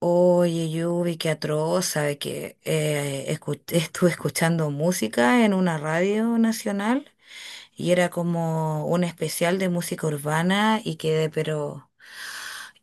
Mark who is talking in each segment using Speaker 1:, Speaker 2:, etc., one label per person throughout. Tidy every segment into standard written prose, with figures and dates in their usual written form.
Speaker 1: Oye, Yubi, qué atroz, sabe que estuve escuchando música en una radio nacional y era como un especial de música urbana y quedé pero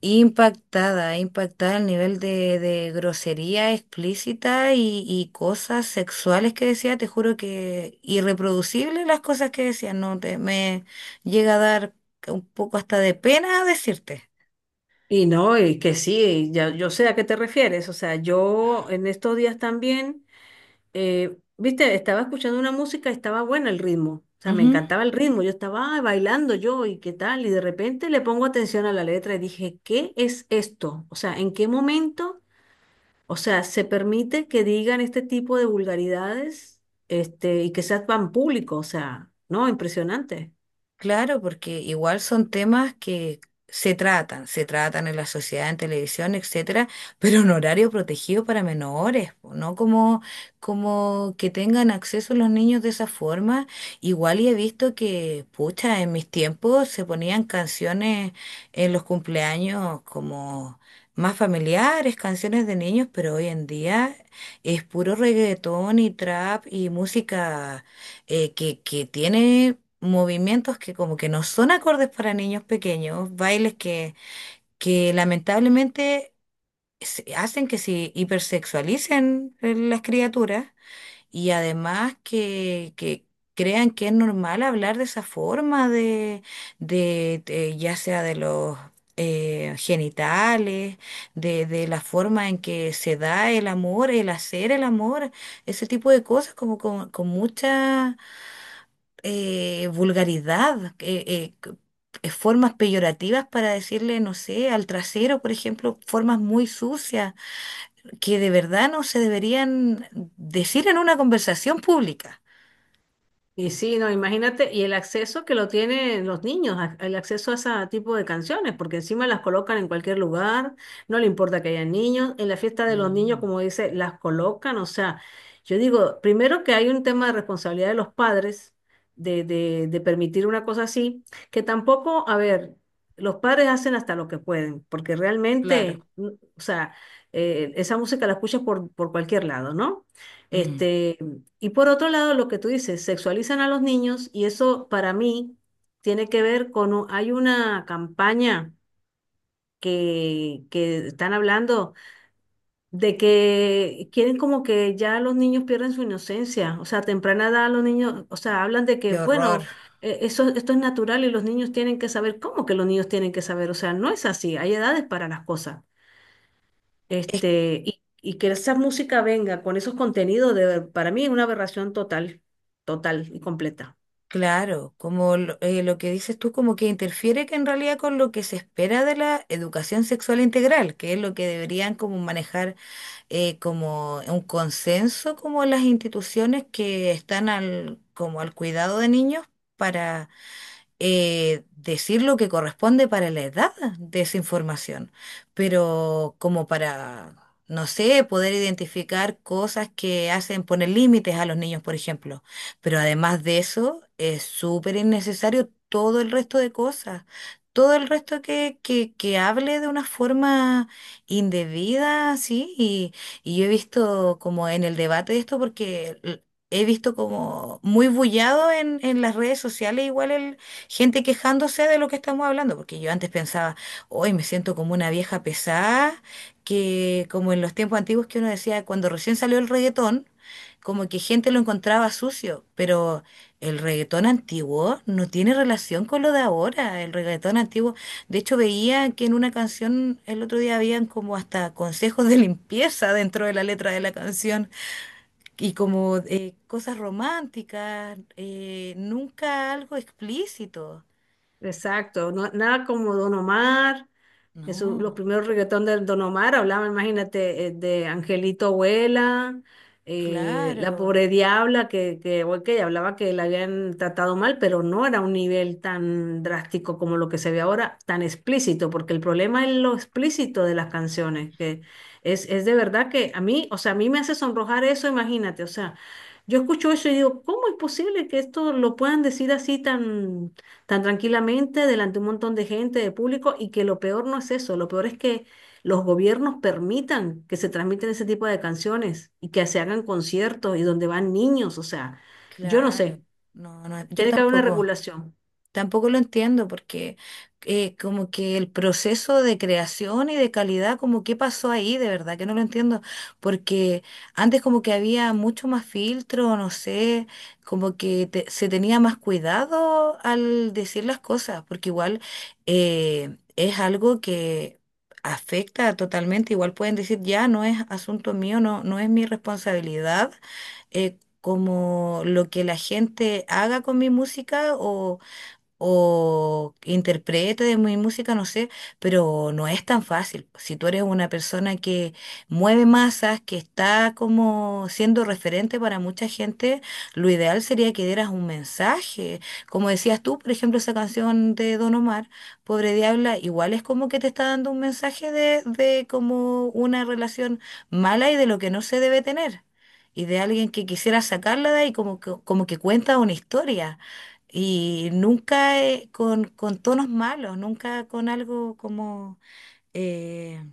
Speaker 1: impactada, impactada al nivel de grosería explícita y cosas sexuales que decía, te juro que irreproducible las cosas que decía, no te, me llega a dar un poco hasta de pena decirte.
Speaker 2: Y no, y que sí, ya, yo sé a qué te refieres. O sea, yo en estos días también, viste, estaba escuchando una música, y estaba bueno el ritmo. O sea, me encantaba el ritmo. Yo estaba "Ay, bailando yo y qué tal". Y de repente le pongo atención a la letra y dije, ¿qué es esto? O sea, ¿en qué momento? O sea, se permite que digan este tipo de vulgaridades, este, y que sea tan público. O sea, no, impresionante.
Speaker 1: Claro, porque igual son temas que se tratan en la sociedad, en televisión, etcétera, pero en horario protegido para menores, po, no como, como que tengan acceso los niños de esa forma. Igual y he visto que, pucha, en mis tiempos se ponían canciones en los cumpleaños como más familiares, canciones de niños, pero hoy en día es puro reggaetón y trap y música que tiene movimientos que como que no son acordes para niños pequeños, bailes que lamentablemente hacen que se hipersexualicen las criaturas y además que crean que es normal hablar de esa forma de ya sea de los genitales, de la forma en que se da el amor, el hacer el amor, ese tipo de cosas como con mucha vulgaridad, formas peyorativas para decirle, no sé, al trasero, por ejemplo, formas muy sucias que de verdad no se deberían decir en una conversación pública.
Speaker 2: Y sí, no, imagínate, y el acceso que lo tienen los niños, el acceso a ese tipo de canciones, porque encima las colocan en cualquier lugar, no le importa que haya niños, en la fiesta de los niños,
Speaker 1: No.
Speaker 2: como dice, las colocan, o sea, yo digo, primero que hay un tema de responsabilidad de los padres de permitir una cosa así, que tampoco, a ver, los padres hacen hasta lo que pueden, porque
Speaker 1: Claro.
Speaker 2: realmente, o sea, esa música la escuchas por cualquier lado, ¿no? Sí.
Speaker 1: Mm.
Speaker 2: Este, y por otro lado, lo que tú dices, sexualizan a los niños y eso para mí tiene que ver con, hay una campaña que están hablando de que quieren como que ya los niños pierden su inocencia, o sea, a temprana edad los niños, o sea, hablan de que,
Speaker 1: Qué horror.
Speaker 2: bueno, eso, esto es natural y los niños tienen que saber, ¿cómo que los niños tienen que saber? O sea, no es así, hay edades para las cosas.
Speaker 1: Es
Speaker 2: Este, y que esa música venga con esos contenidos, de, para mí es una aberración total, total y completa.
Speaker 1: claro, como lo que dices tú, como que interfiere que en realidad con lo que se espera de la educación sexual integral, que es lo que deberían como manejar como un consenso como las instituciones que están como al cuidado de niños decir lo que corresponde para la edad de esa información, pero como para, no sé, poder identificar cosas que hacen poner límites a los niños, por ejemplo. Pero además de eso, es súper innecesario todo el resto de cosas. Todo el resto que hable de una forma indebida, sí, y yo he visto como en el debate de esto, he visto como muy bullado en las redes sociales igual. Gente quejándose de lo que estamos hablando, porque yo antes pensaba, hoy me siento como una vieja pesada, que como en los tiempos antiguos que uno decía, cuando recién salió el reggaetón, como que gente lo encontraba sucio, pero el reggaetón antiguo no tiene relación con lo de ahora, el reggaetón antiguo, de hecho veía que en una canción el otro día habían como hasta consejos de limpieza dentro de la letra de la canción y como cosas románticas, nunca algo explícito.
Speaker 2: Exacto, nada como Don Omar, eso,
Speaker 1: No,
Speaker 2: los primeros reggaetón de Don Omar hablaban, imagínate, de Angelito Abuela, la
Speaker 1: claro,
Speaker 2: pobre diabla, que ok, hablaba que la habían tratado mal, pero no era un nivel tan drástico como lo que se ve ahora, tan explícito, porque el problema es lo explícito de las canciones, que es de verdad que a mí, o sea, a mí me hace sonrojar eso, imagínate, o sea, yo escucho eso y digo, ¿cómo es posible que esto lo puedan decir así tan tan tranquilamente delante de un montón de gente, de público, y que lo peor no es eso, lo peor es que los gobiernos permitan que se transmiten ese tipo de canciones y que se hagan conciertos y donde van niños, o sea, yo no
Speaker 1: claro.
Speaker 2: sé,
Speaker 1: No, no, yo
Speaker 2: tiene que haber una
Speaker 1: tampoco.
Speaker 2: regulación.
Speaker 1: Tampoco lo entiendo porque como que el proceso de creación y de calidad, como qué pasó ahí, de verdad que no lo entiendo, porque antes como que había mucho más filtro, no sé, se tenía más cuidado al decir las cosas, porque igual es algo que afecta totalmente, igual pueden decir, ya no es asunto mío, no, no es mi responsabilidad como lo que la gente haga con mi música o que interprete de mi música, no sé, pero no es tan fácil. Si tú eres una persona que mueve masas, que está como siendo referente para mucha gente, lo ideal sería que dieras un mensaje. Como decías tú, por ejemplo, esa canción de Don Omar, Pobre Diabla, igual es como que te está dando un mensaje de como una relación mala y de lo que no se debe tener. Y de alguien que quisiera sacarla de ahí, como que cuenta una historia. Y nunca con tonos malos, nunca con algo como eh,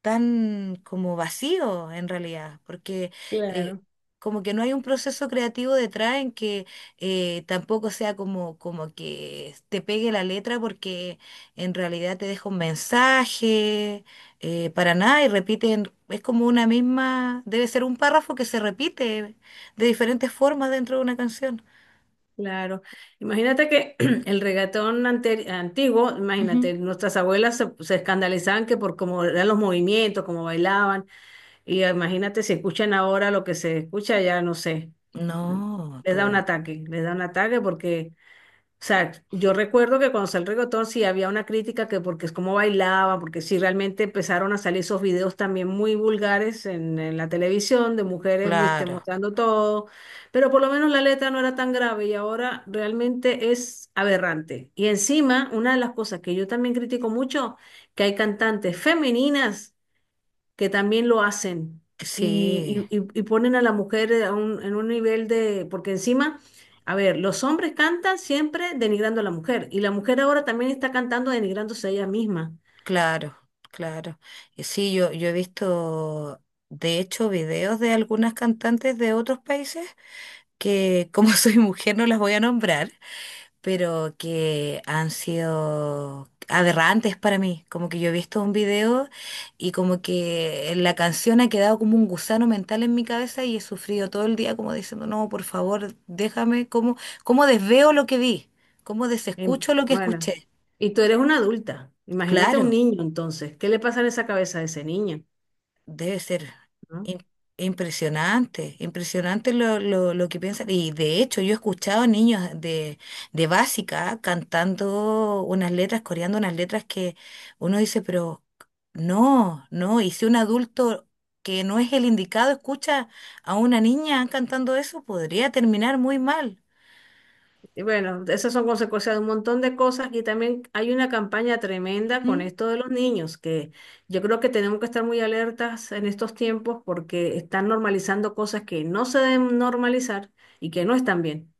Speaker 1: tan como vacío en realidad, porque eh,
Speaker 2: Claro.
Speaker 1: como que no hay un proceso creativo detrás en que tampoco sea como que te pegue la letra porque en realidad te deja un mensaje, para nada, y repiten, es como una misma, debe ser un párrafo que se repite de diferentes formas dentro de una canción.
Speaker 2: Claro, imagínate que el reggaetón antiguo, imagínate, nuestras abuelas se escandalizaban que por cómo eran los movimientos, cómo bailaban, y imagínate si escuchan ahora lo que se escucha, ya no sé,
Speaker 1: No,
Speaker 2: les
Speaker 1: tú,
Speaker 2: da un ataque, les da un ataque porque o sea, yo recuerdo que cuando salió el reggaetón sí había una crítica que porque es como bailaban, porque sí realmente empezaron a salir esos videos también muy vulgares en la televisión de mujeres muy, este,
Speaker 1: claro,
Speaker 2: mostrando todo, pero por lo menos la letra no era tan grave y ahora realmente es aberrante. Y encima, una de las cosas que yo también critico mucho, que hay cantantes femeninas que también lo hacen
Speaker 1: sí,
Speaker 2: y, y ponen a la mujer a en un nivel de, porque encima, a ver, los hombres cantan siempre denigrando a la mujer y la mujer ahora también está cantando denigrándose a ella misma.
Speaker 1: claro, claro. Y sí, yo he visto, de hecho, videos de algunas cantantes de otros países que como soy mujer no las voy a nombrar, pero que han sido aberrantes para mí. Como que yo he visto un video y como que la canción ha quedado como un gusano mental en mi cabeza y he sufrido todo el día como diciendo, no, por favor, déjame, ¿cómo, cómo desveo lo que vi? ¿Cómo desescucho lo que
Speaker 2: Bueno,
Speaker 1: escuché?
Speaker 2: y tú eres una adulta, imagínate un
Speaker 1: Claro.
Speaker 2: niño entonces, ¿qué le pasa en esa cabeza a ese niño?
Speaker 1: Debe ser
Speaker 2: ¿No?
Speaker 1: im- impresionante, impresionante lo que piensan. Y de hecho, yo he escuchado niños de básica cantando unas letras, coreando unas letras que uno dice, pero no, no. Y si un adulto que no es el indicado escucha a una niña cantando eso, podría terminar muy mal.
Speaker 2: Y bueno, esas son consecuencias de un montón de cosas y también hay una campaña tremenda con
Speaker 1: ¿Mm?
Speaker 2: esto de los niños, que yo creo que tenemos que estar muy alertas en estos tiempos porque están normalizando cosas que no se deben normalizar y que no están bien,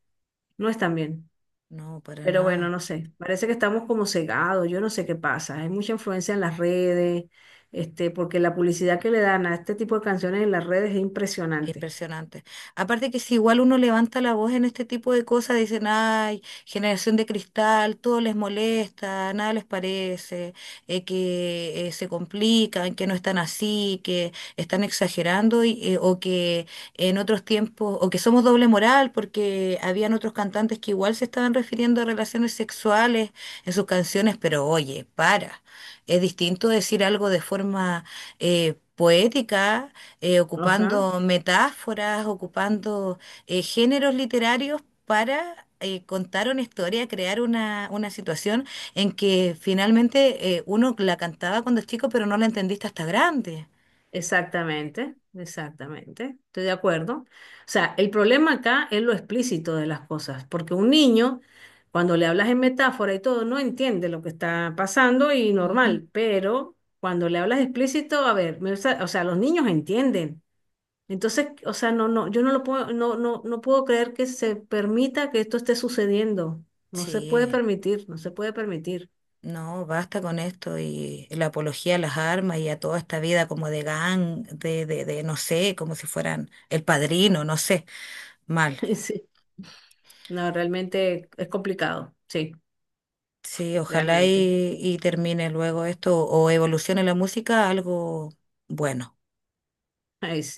Speaker 2: no están bien.
Speaker 1: No, para
Speaker 2: Pero bueno,
Speaker 1: nada.
Speaker 2: no sé, parece que estamos como cegados, yo no sé qué pasa, hay mucha influencia en las redes, este, porque la publicidad que le dan a este tipo de canciones en las redes es impresionante.
Speaker 1: Impresionante. Aparte que si igual uno levanta la voz en este tipo de cosas, dicen, ay, generación de cristal, todo les molesta, nada les parece, que se complican, que no están así, que están exagerando o que en otros tiempos, o que somos doble moral, porque habían otros cantantes que igual se estaban refiriendo a relaciones sexuales en sus canciones, pero oye, para. Es distinto decir algo de forma poética
Speaker 2: ¿No? O sea.
Speaker 1: ocupando metáforas, ocupando géneros literarios para contar una historia, crear una situación en que finalmente uno la cantaba cuando es chico, pero no la entendiste hasta grande.
Speaker 2: Exactamente, exactamente. Estoy de acuerdo. O sea, el problema acá es lo explícito de las cosas, porque un niño, cuando le hablas en metáfora y todo, no entiende lo que está pasando y
Speaker 1: Ujú.
Speaker 2: normal, pero cuando le hablas explícito, a ver, o sea, los niños entienden. Entonces, o sea, no, no, yo no lo puedo, no, no, no puedo creer que se permita que esto esté sucediendo. No se puede
Speaker 1: Sí,
Speaker 2: permitir, no se puede permitir.
Speaker 1: no, basta con esto y la apología a las armas y a toda esta vida como de gang, de no sé, como si fueran el padrino, no sé, mal.
Speaker 2: Sí. No, realmente es complicado, sí,
Speaker 1: Sí, ojalá
Speaker 2: realmente.
Speaker 1: y termine luego esto o evolucione la música a algo bueno.
Speaker 2: Ay,